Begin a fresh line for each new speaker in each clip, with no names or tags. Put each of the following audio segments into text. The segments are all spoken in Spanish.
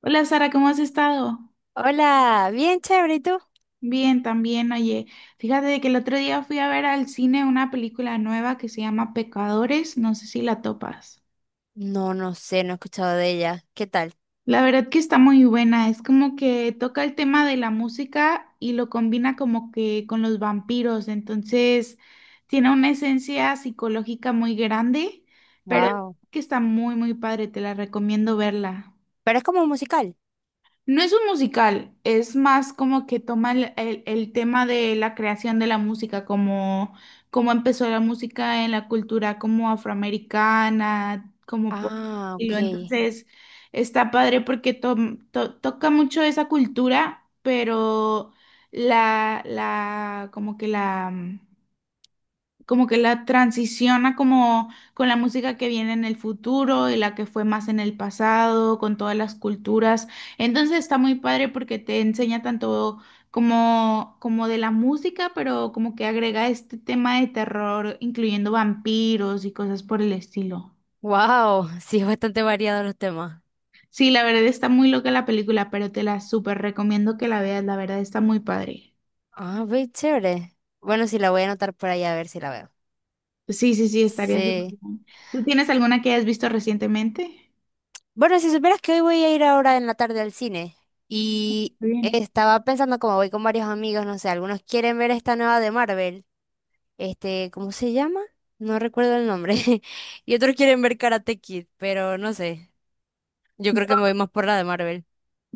Hola Sara, ¿cómo has estado?
Hola, bien chévere, ¿y tú?
Bien, también, oye, fíjate de que el otro día fui a ver al cine una película nueva que se llama Pecadores, no sé si la topas.
No, no sé, no he escuchado de ella. ¿Qué tal?
La verdad que está muy buena, es como que toca el tema de la música y lo combina como que con los vampiros, entonces tiene una esencia psicológica muy grande, pero
Wow.
que está muy, muy padre, te la recomiendo verla.
Pero es como un musical.
No es un musical, es más como que toma el tema de la creación de la música, como cómo empezó la música en la cultura como afroamericana, como por
Ah, ok.
estilo. Entonces, está padre porque toca mucho esa cultura, pero como que como que la transiciona como con la música que viene en el futuro y la que fue más en el pasado, con todas las culturas. Entonces está muy padre porque te enseña tanto como de la música, pero como que agrega este tema de terror, incluyendo vampiros y cosas por el estilo.
Wow, sí, es bastante variado los temas.
Sí, la verdad está muy loca la película, pero te la súper recomiendo que la veas, la verdad está muy padre.
Ah, ve, chévere. Bueno, sí, la voy a anotar por ahí a ver si la veo.
Sí, sí, sí, estaría súper
Sí.
bien. ¿Tú tienes alguna que hayas visto recientemente?
Bueno, si supieras que hoy voy a ir ahora en la tarde al cine y
Muy bien.
estaba pensando como voy con varios amigos, no sé, algunos quieren ver esta nueva de Marvel. Este, ¿cómo se llama? No recuerdo el nombre. Y otros quieren ver Karate Kid, pero no sé. Yo creo que me voy más por la de Marvel.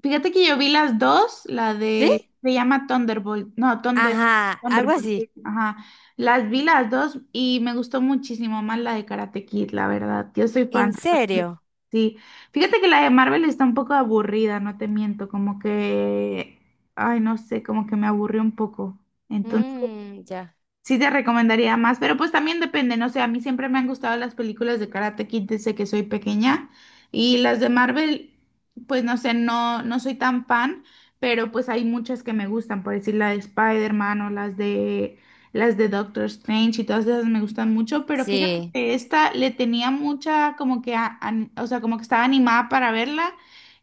Fíjate que yo vi las dos, la
¿Sí?
de, se llama Thunderbolt, no, Thunder,
Ajá, algo
Thunderbolt,
así.
sí, ajá, las vi las dos y me gustó muchísimo más la de Karate Kid, la verdad, yo soy
¿En
fan,
serio?
sí, fíjate que la de Marvel está un poco aburrida, no te miento, como que, ay, no sé, como que me aburrió un poco, entonces,
Mm, ya.
sí te recomendaría más, pero pues también depende, no sé, a mí siempre me han gustado las películas de Karate Kid desde que soy pequeña y las de Marvel, pues no sé, no, no soy tan fan, pero pues hay muchas que me gustan, por decir la de Spider-Man o las de Doctor Strange y todas esas me gustan mucho, pero fíjate
Sí.
que esta le tenía mucha como que, o sea, como que estaba animada para verla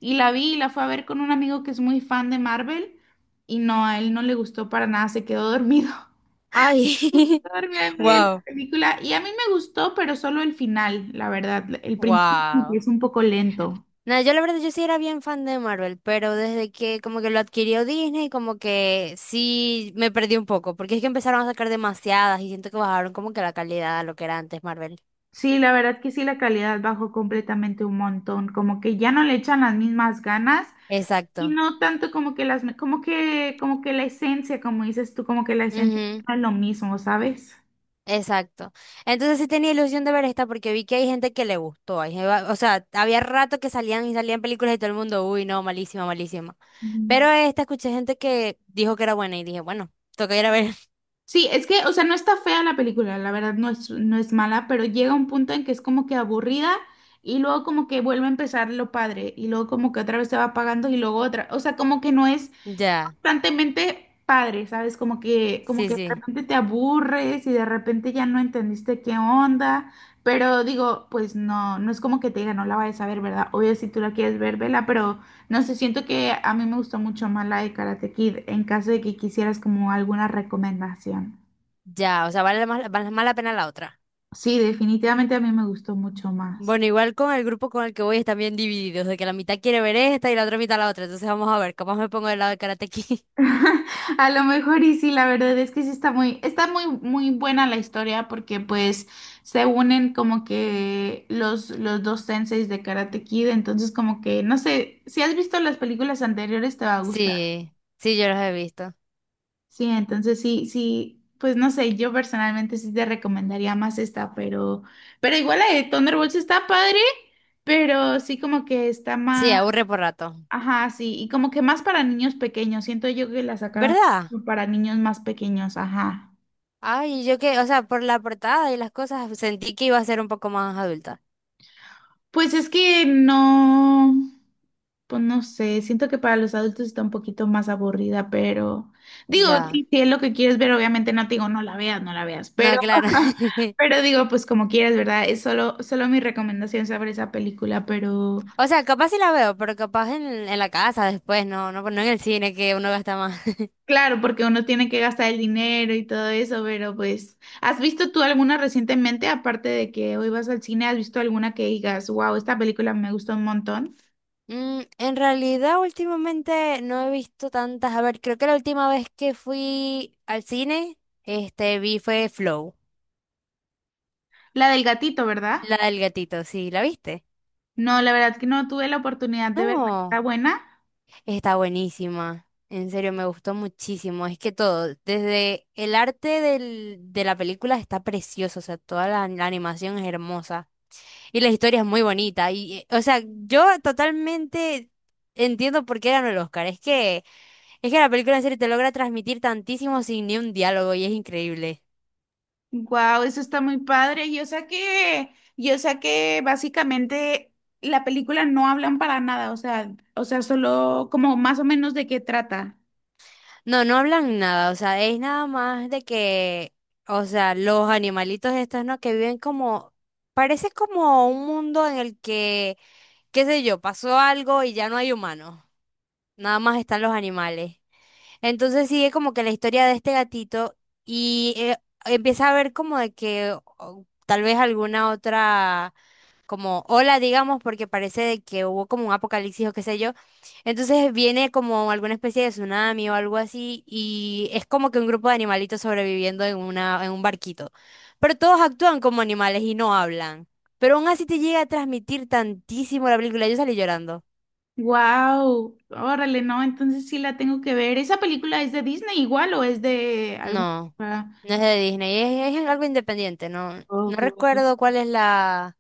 y la vi y la fue a ver con un amigo que es muy fan de Marvel y no, a él no le gustó para nada, se quedó dormido.
Ay,
Enorme, me olvidé la
wow.
película y a mí me gustó, pero solo el final, la verdad. El principio como que
Wow.
es un poco lento.
No, yo la verdad yo sí era bien fan de Marvel, pero desde que como que lo adquirió Disney, como que sí me perdí un poco, porque es que empezaron a sacar demasiadas y siento que bajaron como que la calidad a lo que era antes Marvel.
Sí, la verdad que sí, la calidad bajó completamente un montón, como que ya no le echan las mismas ganas y
Exacto.
no tanto como que las, como que la esencia, como dices tú, como que la esencia
Ujú.
no es lo mismo, ¿sabes?
Exacto. Entonces sí tenía ilusión de ver esta porque vi que hay gente que le gustó. O sea, había rato que salían y salían películas y todo el mundo, uy, no, malísima, malísima.
Ujú.
Pero esta escuché gente que dijo que era buena y dije, bueno, toca ir a ver.
Sí, es que, o sea, no está fea la película, la verdad no es, no es mala, pero llega un punto en que es como que aburrida y luego como que vuelve a empezar lo padre y luego como que otra vez se va apagando y luego otra, o sea, como que no es
Ya,
constantemente padre, ¿sabes? Como
sí,
que de
sí.
repente te aburres y de repente ya no entendiste qué onda, pero digo, pues no, no es como que te diga, no la vayas a ver, ¿verdad? Obvio, si tú la quieres ver, vela, pero no sé, siento que a mí me gustó mucho más la de Karate Kid en caso de que quisieras como alguna recomendación.
Ya, o sea, vale más la pena la otra.
Sí, definitivamente a mí me gustó mucho más.
Bueno, igual con el grupo con el que voy están bien divididos, de que la mitad quiere ver esta y la otra mitad la otra. Entonces vamos a ver, capaz me pongo del lado de Karate Kid.
A lo mejor y sí, la verdad es que sí está muy, muy buena la historia porque pues se unen como que los dos senseis de Karate Kid, entonces como que, no sé, si has visto las películas anteriores te va a gustar.
Sí, sí, yo los he visto.
Sí, entonces sí, sí, pues no sé, yo personalmente sí te recomendaría más esta, pero igual la de Thunderbolts está padre, pero sí como que está
Sí,
más
aburre por rato.
ajá, sí, y como que más para niños pequeños, siento yo que la sacaron
¿Verdad?
para niños más pequeños, ajá.
Ay, yo que, o sea, por la portada y las cosas sentí que iba a ser un poco más adulta.
Pues es que no, pues no sé, siento que para los adultos está un poquito más aburrida, pero digo,
Ya.
sí, si es lo que quieres ver, obviamente no te digo, no la veas, no la veas,
No,
pero,
claro.
pero digo, pues como quieras, ¿verdad? Es solo, solo mi recomendación sobre esa película, pero...
O sea, capaz sí la veo, pero capaz en la casa después, no en el cine que uno gasta más.
Claro, porque uno tiene que gastar el dinero y todo eso, pero pues, ¿has visto tú alguna recientemente, aparte de que hoy vas al cine, has visto alguna que digas, wow, esta película me gustó un montón?
Mm, en realidad últimamente no he visto tantas. A ver, creo que la última vez que fui al cine, vi fue Flow,
La del gatito, ¿verdad?
la del gatito, ¿sí? ¿La viste?
No, la verdad que no tuve la oportunidad de verla. ¿Está
No.
buena?
Está buenísima. En serio, me gustó muchísimo. Es que todo, desde el arte de la película está precioso, o sea, toda la animación es hermosa y la historia es muy bonita. Y, o sea, yo totalmente entiendo por qué ganó el Oscar. Es que la película en serio te logra transmitir tantísimo sin ni un diálogo y es increíble.
Wow, eso está muy padre. Yo sé que básicamente la película no hablan para nada, o sea, solo como más o menos de qué trata.
No, no hablan nada, o sea, es nada más de que, o sea, los animalitos estos, ¿no? Que viven como, parece como un mundo en el que qué sé yo, pasó algo y ya no hay humanos, nada más están los animales. Entonces sigue como que la historia de este gatito y empieza a ver como de que tal vez alguna otra como ola, digamos, porque parece de que hubo como un apocalipsis o qué sé yo. Entonces viene como alguna especie de tsunami o algo así y es como que un grupo de animalitos sobreviviendo en en un barquito. Pero todos actúan como animales y no hablan. Pero aún así te llega a transmitir tantísimo la película. Yo salí llorando.
Wow, órale, no, entonces sí la tengo que ver. ¿Esa película es de Disney igual o es de algún...
No,
ah,
no es de Disney, es algo independiente, no, no
ok,
recuerdo cuál es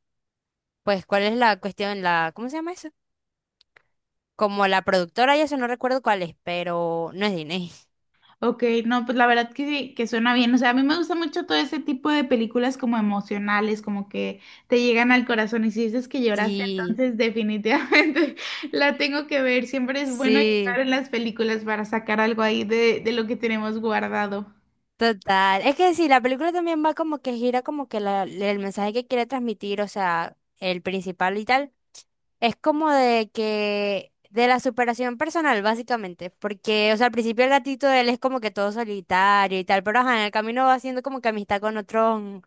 pues cuál es la cuestión, la, ¿cómo se llama eso? Como la productora y eso no recuerdo cuál es, pero no es Disney.
ok, no, pues la verdad que sí, que suena bien. O sea, a mí me gusta mucho todo ese tipo de películas como emocionales, como que te llegan al corazón y si dices que lloraste,
Sí,
entonces definitivamente la tengo que ver. Siempre es bueno llorar
sí,
en las películas para sacar algo ahí de lo que tenemos guardado.
total. Es que sí, la película también va como que gira como que el mensaje que quiere transmitir, o sea, el principal y tal. Es como de que, de la superación personal, básicamente, porque, o sea, al principio el gatito de él es como que todo solitario y tal, pero ajá, en el camino va haciendo como que amistad con otros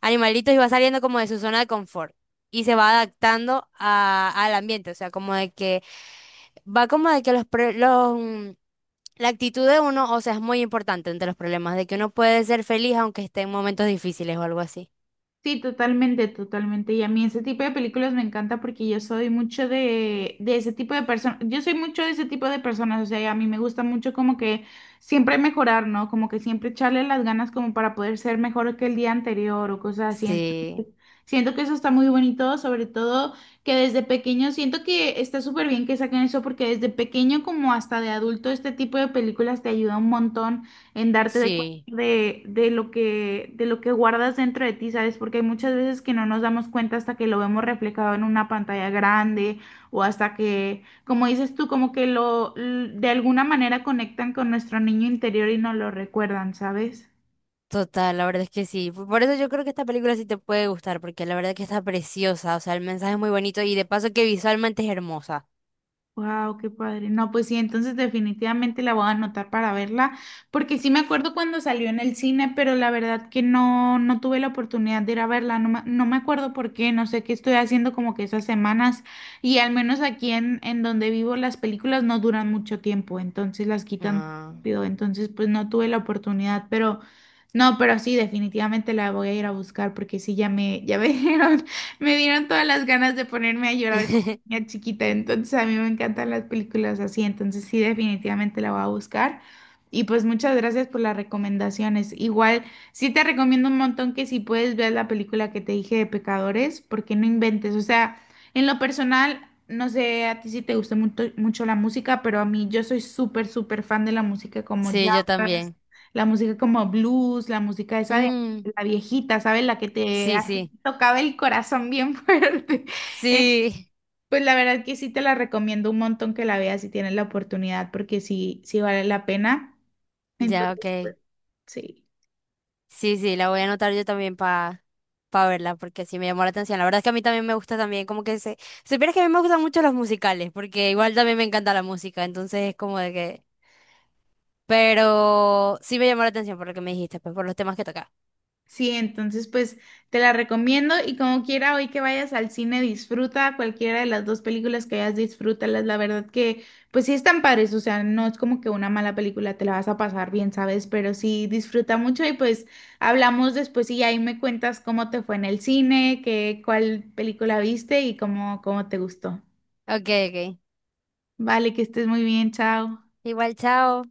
animalitos y va saliendo como de su zona de confort y se va adaptando al ambiente, o sea, como de que, va como de que los, pre- los, mm, la actitud de uno, o sea, es muy importante entre los problemas, de que uno puede ser feliz aunque esté en momentos difíciles o algo así.
Sí, totalmente, totalmente. Y a mí ese tipo de películas me encanta porque yo soy mucho de ese tipo de personas. Yo soy mucho de ese tipo de personas. O sea, y a mí me gusta mucho como que siempre mejorar, ¿no? Como que siempre echarle las ganas como para poder ser mejor que el día anterior o cosas así.
Sí,
Siento que eso está muy bonito, sobre todo que desde pequeño, siento que está súper bien que saquen eso porque desde pequeño como hasta de adulto este tipo de películas te ayuda un montón en darte de cuenta
sí.
de lo que guardas dentro de ti, ¿sabes? Porque hay muchas veces que no nos damos cuenta hasta que lo vemos reflejado en una pantalla grande o hasta que, como dices tú, como que de alguna manera conectan con nuestro niño interior y nos lo recuerdan, ¿sabes?
Total, la verdad es que sí. Por eso yo creo que esta película sí te puede gustar, porque la verdad que está preciosa, o sea, el mensaje es muy bonito y de paso que visualmente es hermosa.
Wow, qué padre. No, pues sí, entonces definitivamente la voy a anotar para verla, porque sí me acuerdo cuando salió en el cine, pero la verdad que no, no tuve la oportunidad de ir a verla, no me, no me acuerdo por qué, no sé qué estoy haciendo como que esas semanas, y al menos aquí en donde vivo las películas no duran mucho tiempo, entonces las quitan
Ah,
rápido, entonces pues no tuve la oportunidad, pero no, pero sí, definitivamente la voy a ir a buscar, porque sí, ya me dieron, me dieron todas las ganas de ponerme a llorar es chiquita, entonces a mí me encantan las películas así, entonces sí, definitivamente la voy a buscar. Y pues muchas gracias por las recomendaciones. Igual, sí te recomiendo un montón que si puedes ver la película que te dije de Pecadores, porque no inventes. O sea, en lo personal, no sé a ti si te gusta mucho, mucho la música, pero a mí yo soy súper, súper fan de la música como
Sí, yo
jazz,
también.
la música como blues, la música esa de
Mm,
la viejita, ¿sabes? La que te
sí,
hace-
sí.
tocaba el corazón bien fuerte.
Sí.
Pues la verdad que sí te la recomiendo un montón que la veas si tienes la oportunidad, porque sí, sí vale la pena.
Ya,
Entonces,
ok.
pues, sí.
Sí, sí, la voy a anotar yo también para pa verla, porque sí me llamó la atención. La verdad es que a mí también me gusta también, como que se... Si supieras que a mí me gustan mucho los musicales, porque igual también me encanta la música, entonces es como de que... Pero sí me llamó la atención por lo que me dijiste, pues por los temas que toca.
Sí, entonces pues te la recomiendo y como quiera hoy que vayas al cine disfruta cualquiera de las dos películas que veas, disfrútalas. La verdad que pues sí están padres, o sea, no es como que una mala película te la vas a pasar bien, ¿sabes? Pero sí disfruta mucho y pues hablamos después y ahí me cuentas cómo te fue en el cine, qué, cuál película viste y cómo, cómo te gustó.
Ok, ok.
Vale, que estés muy bien, chao.
Igual, chao.